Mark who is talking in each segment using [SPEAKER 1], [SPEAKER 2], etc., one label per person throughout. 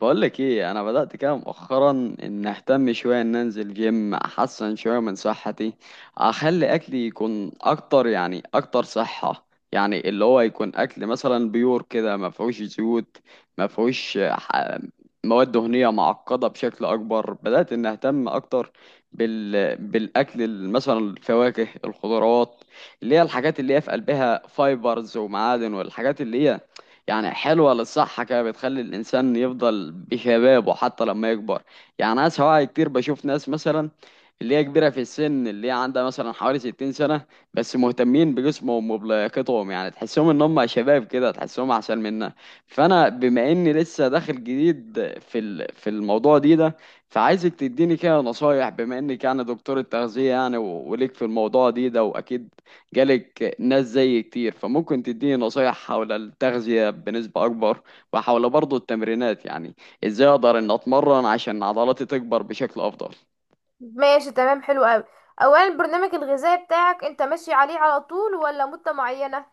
[SPEAKER 1] بقولك ايه، انا بدأت كده مؤخرا ان اهتم شوية، ان انزل جيم احسن شوية من صحتي. اخلي اكلي يكون اكتر، يعني اكتر صحة. يعني اللي هو يكون اكل مثلا بيور كده، ما فيهوش زيوت، ما فيهوش مواد دهنية معقدة بشكل اكبر. بدأت ان اهتم اكتر بالاكل، مثلا الفواكه، الخضروات، اللي هي الحاجات اللي هي في قلبها فايبرز ومعادن، والحاجات اللي هي يعني حلوة للصحة كده، بتخلي الإنسان يفضل بشبابه حتى لما يكبر. يعني أنا سواء كتير بشوف ناس مثلا اللي هي كبيرة في السن، اللي هي عندها مثلا حوالي 60 سنة، بس مهتمين بجسمهم وبلياقتهم، يعني تحسهم إن هم شباب كده، تحسهم أحسن منا. فأنا بما إني لسه داخل جديد في الموضوع ده، فعايزك تديني كده نصايح، بما إنك يعني دكتور التغذية، وليك في الموضوع ده، وأكيد جالك ناس زي كتير، فممكن تديني نصايح حول التغذية بنسبة أكبر، وحول برضو التمرينات، يعني إزاي أقدر إن أتمرن عشان عضلاتي تكبر بشكل أفضل.
[SPEAKER 2] ماشي، تمام، حلو قوي. اولا، البرنامج الغذائي بتاعك انت ماشي عليه على طول ولا مدة معينة؟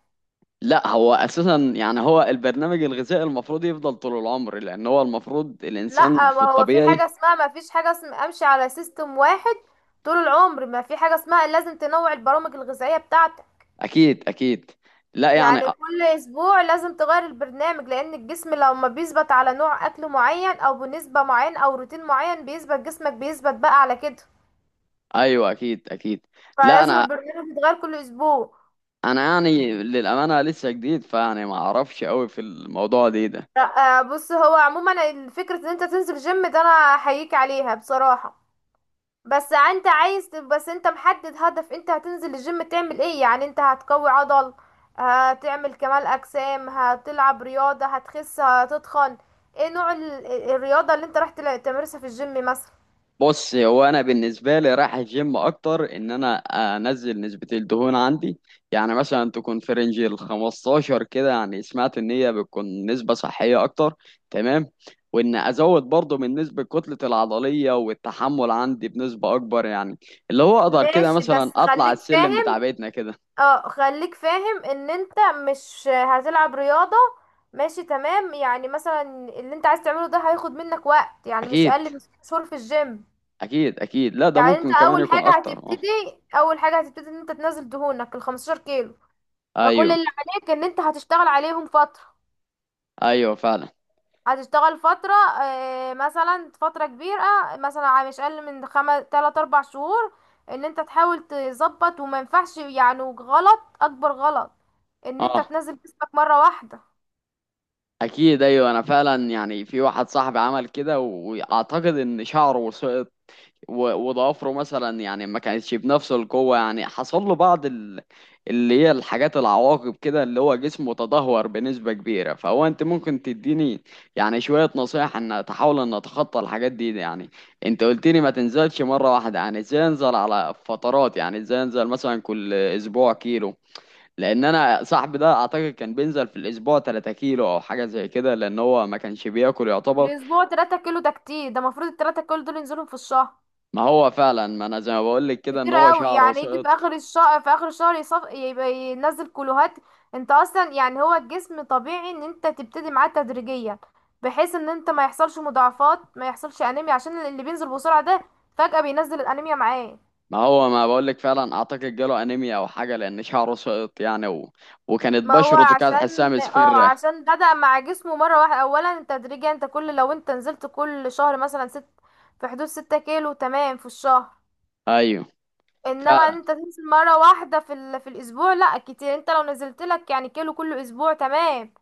[SPEAKER 1] لا، هو أساسا يعني هو البرنامج الغذائي المفروض يفضل طول العمر، لأن هو المفروض الإنسان
[SPEAKER 2] لا،
[SPEAKER 1] في
[SPEAKER 2] ما هو في حاجة
[SPEAKER 1] الطبيعي.
[SPEAKER 2] اسمها ما فيش حاجة اسمها امشي على سيستم واحد طول العمر. ما في حاجة اسمها، لازم تنوع البرامج الغذائية بتاعتك.
[SPEAKER 1] أكيد أكيد. لا يعني
[SPEAKER 2] يعني كل اسبوع لازم تغير البرنامج، لان الجسم لما بيثبت على نوع اكل معين او بنسبة معينة او روتين معين بيثبت، جسمك بيثبت بقى على كده.
[SPEAKER 1] أيوه أكيد أكيد. لا،
[SPEAKER 2] فلازم
[SPEAKER 1] أنا
[SPEAKER 2] البرنامج يتغير كل اسبوع.
[SPEAKER 1] أنا يعني للأمانة لسه جديد، فيعني ما أعرفش أوي في الموضوع ده.
[SPEAKER 2] لا بص، هو عموما فكرة ان انت تنزل جيم ده، انا احييك عليها بصراحة. بس انت عايز تب- بس انت محدد هدف، انت هتنزل الجيم تعمل ايه؟ يعني انت هتقوي عضل، هتعمل كمال اجسام، هتلعب رياضة، هتخس، هتتخن؟ ايه نوع الرياضة اللي انت تمارسها في الجيم مثلا؟
[SPEAKER 1] بص، هو انا بالنسبه لي رايح الجيم اكتر ان انا انزل نسبه الدهون عندي، يعني مثلا تكون في رينج ال 15 كده، يعني سمعت ان هي بتكون نسبه صحيه اكتر. تمام. وان ازود برضه من نسبه كتله العضليه والتحمل عندي بنسبه اكبر، يعني اللي هو اقدر كده
[SPEAKER 2] ماشي، بس
[SPEAKER 1] مثلا اطلع
[SPEAKER 2] خليك
[SPEAKER 1] السلم بتاع
[SPEAKER 2] فاهم.
[SPEAKER 1] بيتنا كده.
[SPEAKER 2] اه خليك فاهم ان انت مش هتلعب رياضة. ماشي تمام، يعني مثلا اللي انت عايز تعمله ده هياخد منك وقت، يعني مش
[SPEAKER 1] اكيد.
[SPEAKER 2] اقل من ست شهور في الجيم.
[SPEAKER 1] اكيد اكيد. لا، ده
[SPEAKER 2] يعني انت
[SPEAKER 1] ممكن كمان يكون اكتر. اه.
[SPEAKER 2] اول حاجة هتبتدي ان انت تنزل دهونك ال 15 كيلو. فكل
[SPEAKER 1] ايوه
[SPEAKER 2] اللي عليك ان انت هتشتغل عليهم فترة،
[SPEAKER 1] ايوه فعلا.
[SPEAKER 2] هتشتغل فترة، مثلا فترة كبيرة، مثلا مش أقل من خمس، تلات، أربع شهور. إن أنت تحاول تظبط، وما ينفعش، يعني غلط، أكبر غلط إن أنت
[SPEAKER 1] اه.
[SPEAKER 2] تنزل جسمك مرة واحدة.
[SPEAKER 1] اكيد. ايوه، انا فعلا يعني في واحد صاحبي عمل كده واعتقد ان شعره وسقط، وضوافره مثلا يعني ما كانتش بنفس القوه، يعني حصل له بعض اللي هي الحاجات العواقب كده، اللي هو جسمه تدهور بنسبه كبيره. فهو انت ممكن تديني يعني شويه نصايح ان اتحاول ان اتخطى الحاجات دي، يعني انت قلت لي ما تنزلش مره واحده، يعني ازاي انزل على فترات؟ يعني ازاي انزل؟ مثلا كل اسبوع كيلو؟ لان انا صاحبي ده اعتقد كان بينزل في الاسبوع 3 كيلو او حاجه زي كده، لان هو ما كانش بياكل يعتبر.
[SPEAKER 2] الأسبوع تلاتة كيلو ده كتير، ده المفروض التلاتة كيلو دول ينزلهم في الشهر.
[SPEAKER 1] ما هو فعلا. ما انا زي ما بقول لك كده ان
[SPEAKER 2] كتير
[SPEAKER 1] هو
[SPEAKER 2] قوي،
[SPEAKER 1] شعره
[SPEAKER 2] يعني يجي في
[SPEAKER 1] سقط.
[SPEAKER 2] اخر الشهر، في اخر الشهر يبقى ينزل كلوهات. انت اصلا، يعني هو الجسم طبيعي ان انت تبتدي معاه تدريجيا، بحيث ان انت ما يحصلش مضاعفات، ما يحصلش انيميا، عشان اللي بينزل بسرعة ده فجأة بينزل الانيميا معاه.
[SPEAKER 1] ما هو ما بقول لك فعلا اعتقد جاله انيميا او حاجه، لان شعره سقط يعني وكانت
[SPEAKER 2] ما هو
[SPEAKER 1] بشرته كانت تحسها
[SPEAKER 2] عشان
[SPEAKER 1] مصفرة.
[SPEAKER 2] عشان بدأ مع جسمه مرة واحدة. اولا تدريجيا، انت لو انت نزلت كل شهر مثلا ست، في حدود ستة كيلو تمام في الشهر.
[SPEAKER 1] ايوه
[SPEAKER 2] انما
[SPEAKER 1] فعلا.
[SPEAKER 2] انت تنزل مره واحده في في الاسبوع لا، كتير. انت لو نزلت لك يعني كيلو كل اسبوع تمام.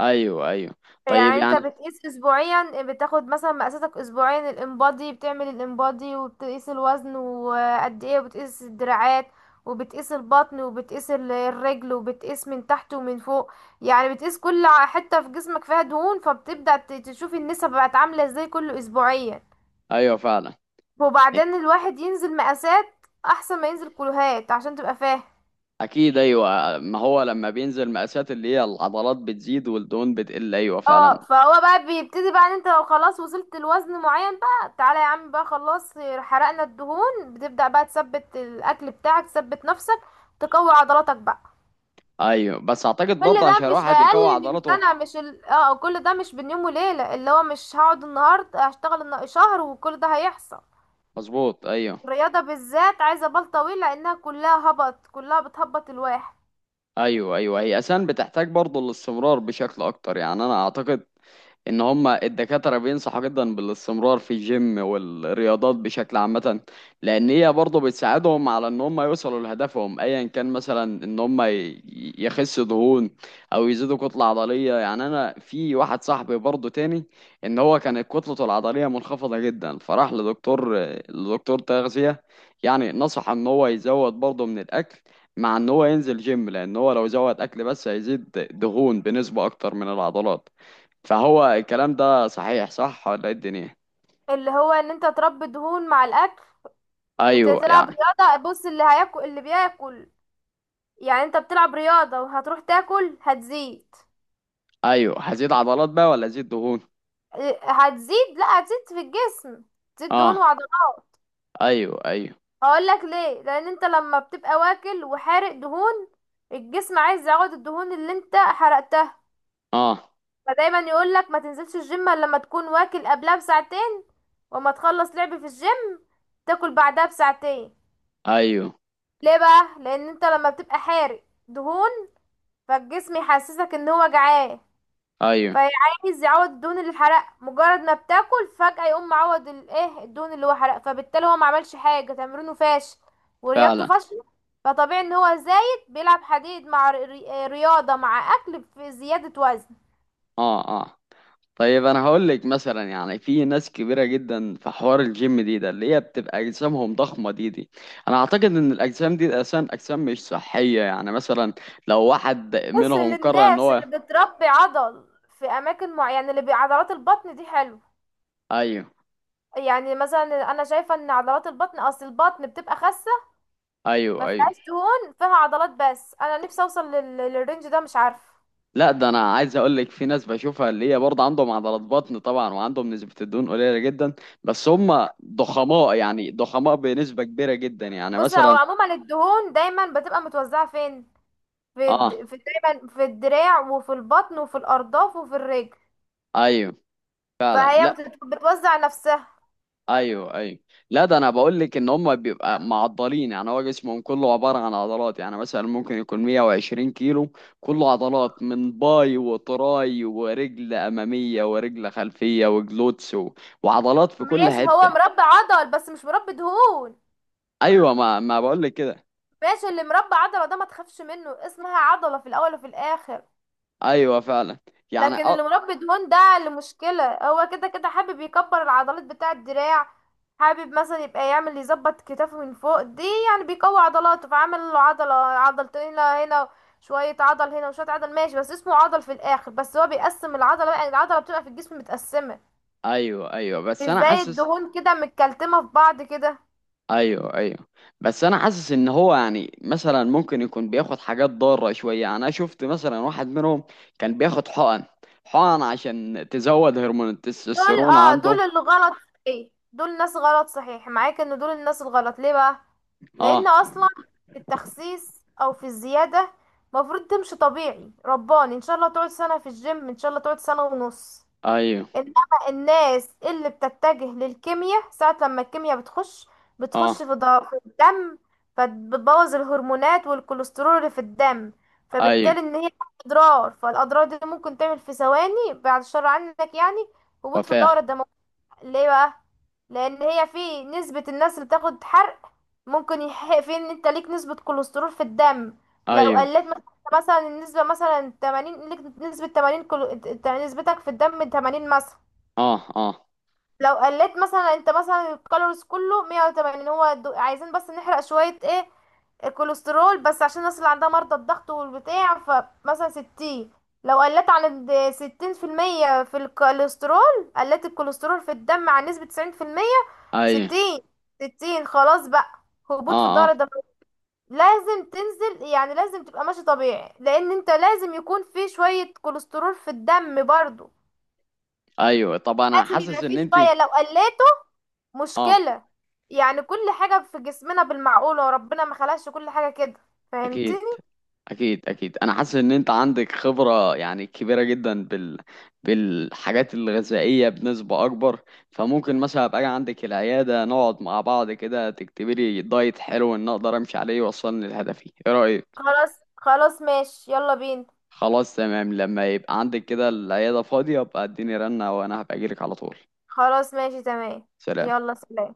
[SPEAKER 1] ايوه ايوه. طيب
[SPEAKER 2] يعني انت
[SPEAKER 1] يعني.
[SPEAKER 2] بتقيس اسبوعيا، بتاخد مثلا مقاساتك اسبوعيا، الانبادي، بتعمل الانبادي وبتقيس الوزن وقد ايه، وبتقيس الدراعات وبتقيس البطن وبتقيس الرجل، وبتقيس من تحت ومن فوق. يعني بتقيس كل حته في جسمك فيها دهون، فبتبدأ تشوف النسب بقت عامله ازاي كل اسبوعيا.
[SPEAKER 1] ايوه فعلا.
[SPEAKER 2] وبعدين الواحد ينزل مقاسات احسن ما ينزل كيلوهات عشان تبقى فاهم.
[SPEAKER 1] اكيد. ايوه، ما هو لما بينزل مقاسات اللي هي العضلات بتزيد والدهون بتقل، ايوه فعلا.
[SPEAKER 2] اه فهو بقى بيبتدي بقى ان انت لو خلاص وصلت لوزن معين بقى، تعالى يا عم بقى، خلاص، حرقنا الدهون، بتبدأ بقى تثبت الاكل بتاعك، تثبت نفسك، تقوي عضلاتك بقى.
[SPEAKER 1] ايوه، بس اعتقد
[SPEAKER 2] كل
[SPEAKER 1] برضه
[SPEAKER 2] ده
[SPEAKER 1] عشان
[SPEAKER 2] مش
[SPEAKER 1] الواحد يقوي
[SPEAKER 2] اقل من
[SPEAKER 1] عضلاته.
[SPEAKER 2] سنة، مش ال... اه كل ده مش بين يوم وليلة. اللي هو مش هقعد النهاردة هشتغل شهر وكل ده هيحصل.
[SPEAKER 1] مظبوط. ايوه
[SPEAKER 2] الرياضة بالذات عايزة بال طويل، لانها كلها هبط، كلها بتهبط الواحد.
[SPEAKER 1] ايوه. ايوه، هي اساسا بتحتاج برضه الاستمرار بشكل اكتر، يعني انا اعتقد ان هما الدكاترة بينصحوا جدا بالاستمرار في الجيم والرياضات بشكل عامة، لان هي برضه بتساعدهم على ان هما يوصلوا لهدفهم، ايا كان، مثلا ان يخسوا دهون، او يزيدوا كتلة عضلية. يعني انا في واحد صاحبي برضه تاني ان هو كانت كتلته العضلية منخفضة جدا، فراح لدكتور تغذية، يعني نصح ان هو يزود برضه من الاكل، مع ان هو ينزل جيم، لان هو لو زود اكل بس هيزيد دهون بنسبة اكتر من العضلات. فهو الكلام ده صحيح، صح ولا ايه الدنيا؟
[SPEAKER 2] اللي هو ان انت تربي دهون مع الاكل، انت
[SPEAKER 1] ايوه
[SPEAKER 2] تلعب
[SPEAKER 1] يعني.
[SPEAKER 2] رياضة. بص، اللي هياكل اللي بياكل، يعني انت بتلعب رياضة وهتروح تاكل، هتزيد.
[SPEAKER 1] ايوه، هزيد عضلات بقى ولا ازيد دهون؟
[SPEAKER 2] إيه، هتزيد لا هتزيد في الجسم، تزيد دهون
[SPEAKER 1] اه.
[SPEAKER 2] وعضلات.
[SPEAKER 1] ايوه ايوه.
[SPEAKER 2] هقول لك ليه. لان انت لما بتبقى واكل وحارق دهون، الجسم عايز يعوض الدهون اللي انت حرقتها.
[SPEAKER 1] اه.
[SPEAKER 2] فدايما يقول لك ما تنزلش الجيم الا لما تكون واكل قبلها بساعتين، وما تخلص لعب في الجيم تاكل بعدها بساعتين.
[SPEAKER 1] ايوه
[SPEAKER 2] ليه بقى؟ لان انت لما بتبقى حارق دهون، فالجسم يحسسك ان هو جعان،
[SPEAKER 1] ايوه
[SPEAKER 2] فعايز يعوض الدهون اللي اتحرق. مجرد ما بتاكل فجأة يقوم معوض الايه، الدهون اللي هو حرق. فبالتالي هو ما عملش حاجة، تمرينه فاشل ورياضته
[SPEAKER 1] فعلا.
[SPEAKER 2] فاشلة. فطبيعي ان هو زايد، بيلعب حديد مع رياضة مع اكل، في زيادة وزن.
[SPEAKER 1] اه اه. طيب، انا هقول لك مثلا يعني في ناس كبيره جدا في حوار الجيم ده اللي هي بتبقى اجسامهم ضخمه دي. انا اعتقد ان الاجسام دي اصلا اجسام مش صحيه، يعني مثلا لو واحد
[SPEAKER 2] بص،
[SPEAKER 1] منهم قرر ان
[SPEAKER 2] للناس
[SPEAKER 1] هو.
[SPEAKER 2] اللي بتربي عضل في اماكن معينة، اللي بعضلات البطن دي حلو.
[SPEAKER 1] ايوه
[SPEAKER 2] يعني مثلا انا شايفة ان عضلات البطن، اصل البطن بتبقى خاسة، ما
[SPEAKER 1] ايوه ايوه.
[SPEAKER 2] فيهاش دهون، فيها عضلات بس. انا نفسي اوصل للرينج ده، مش عارفة.
[SPEAKER 1] لا، ده انا عايز اقول لك في ناس بشوفها اللي هي برضه عندهم عضلات بطن طبعا، وعندهم نسبة الدهون قليلة جدا، بس هم ضخماء، يعني ضخماء بنسبة كبيرة جدا، يعني
[SPEAKER 2] بص، هو
[SPEAKER 1] مثلا.
[SPEAKER 2] عموما الدهون دايما بتبقى متوزعة فين؟ في،
[SPEAKER 1] اه.
[SPEAKER 2] دايما في الدراع وفي البطن وفي الأرداف وفي الرجل.
[SPEAKER 1] ايوه فعلا. لا.
[SPEAKER 2] بتوزع نفسها.
[SPEAKER 1] ايوه ايوه. لا، ده انا بقول لك ان هم بيبقى معضلين، يعني هو جسمهم كله عبارة عن عضلات، يعني مثلا ممكن يكون 120 كيلو، كله عضلات من باي وتراي ورجل امامية ورجل خلفية وجلوتس وعضلات في كل
[SPEAKER 2] ماشي،
[SPEAKER 1] حتة.
[SPEAKER 2] هو مربي عضل بس مش مربي دهون.
[SPEAKER 1] ايوه، ما بقول لك كده.
[SPEAKER 2] ماشي، اللي مربي عضلة ده ما تخافش منه، اسمها عضلة في الأول وفي الآخر.
[SPEAKER 1] ايوه فعلا. يعني
[SPEAKER 2] لكن اللي مربي دهون ده اللي مشكلة. هو كده كده حابب يكبر العضلات بتاع الدراع، حابب مثلا يبقى يعمل، يظبط كتافه من فوق دي، يعني بيقوي عضلاته فعمل له عضلة، عضلتين هنا هنا، شوية عضل هنا وشوية عضل، ماشي، بس اسمه عضل في الآخر. بس هو بيقسم العضلة بقى، يعني العضلة بتبقى في الجسم متقسمة
[SPEAKER 1] ايوه ايوه
[SPEAKER 2] مش
[SPEAKER 1] بس انا
[SPEAKER 2] زي
[SPEAKER 1] حاسس
[SPEAKER 2] الدهون كده، متكلتمة في بعض كده.
[SPEAKER 1] ايوه ايوه، بس انا حاسس ان هو يعني مثلا ممكن يكون بياخد حاجات ضاره شويه، يعني انا شفت مثلا واحد منهم كان بياخد حقن. حقن عشان تزود هرمون
[SPEAKER 2] دول
[SPEAKER 1] التستوستيرون عنده.
[SPEAKER 2] دول اللي غلط، صحيح. دول ناس غلط، صحيح معاك ان دول الناس الغلط. ليه بقى؟ لان
[SPEAKER 1] اه.
[SPEAKER 2] اصلا في التخسيس او في الزيادة مفروض تمشي طبيعي، رباني، ان شاء الله تقعد سنة في الجيم، ان شاء الله تقعد سنة ونص.
[SPEAKER 1] ايوه.
[SPEAKER 2] انما الناس اللي بتتجه للكيمياء، ساعة لما الكيمياء بتخش، بتخش
[SPEAKER 1] اه
[SPEAKER 2] في في الدم، فبتبوظ الهرمونات والكوليسترول اللي في الدم.
[SPEAKER 1] ايوه.
[SPEAKER 2] فبالتالي ان هي اضرار، فالاضرار دي ممكن تعمل في ثواني، بعد الشر عنك يعني، هبوط في الدورة
[SPEAKER 1] وفاه.
[SPEAKER 2] الدموية. ليه بقى؟ لان هي في نسبة الناس اللي بتاخد حرق، ممكن يحق في ان انت ليك نسبة كوليسترول في الدم. لو
[SPEAKER 1] ايوه.
[SPEAKER 2] قلت مثلا النسبة مثلا 80، ليك نسبة 80 نسبتك في الدم 80 مثلا.
[SPEAKER 1] اه اه.
[SPEAKER 2] لو قلت مثلا انت مثلا الكالوريز كله 180، هو عايزين بس نحرق شوية ايه، الكوليسترول بس، عشان الناس اللي عندها مرضى الضغط والبتاع. فمثلا 60، لو قلت عن 60% في المية في الكوليسترول، قلت الكوليسترول في الدم عن نسبة 90%،
[SPEAKER 1] ايوه.
[SPEAKER 2] 60، 60 خلاص بقى، هبوط في
[SPEAKER 1] اه
[SPEAKER 2] الدورة
[SPEAKER 1] اه.
[SPEAKER 2] الدموية. لازم تنزل، يعني لازم تبقى ماشي طبيعي، لان انت لازم يكون في شوية كوليسترول في الدم برضو.
[SPEAKER 1] ايوه. طب انا
[SPEAKER 2] لازم
[SPEAKER 1] حاسس
[SPEAKER 2] يبقى في
[SPEAKER 1] ان انت.
[SPEAKER 2] شوية، لو قلت
[SPEAKER 1] اه.
[SPEAKER 2] مشكلة. يعني كل حاجة في جسمنا بالمعقولة، وربنا ما خلقش كل حاجة كده،
[SPEAKER 1] اكيد
[SPEAKER 2] فهمتني؟
[SPEAKER 1] اكيد. اكيد انا حاسس ان انت عندك خبره، يعني كبيره جدا بالحاجات الغذائيه بنسبه اكبر، فممكن مثلا ابقى أجي عندك العياده، نقعد مع بعض كده، تكتبي لي دايت حلو ان اقدر امشي عليه، يوصلني لهدفي. ايه رايك؟
[SPEAKER 2] خلاص خلاص، ماشي، يلا بينا.
[SPEAKER 1] خلاص تمام. لما يبقى عندك كده العياده فاضيه ابقى اديني رنه، وانا هبقى اجيلك على طول.
[SPEAKER 2] خلاص ماشي تمام.
[SPEAKER 1] سلام.
[SPEAKER 2] يلا سلام.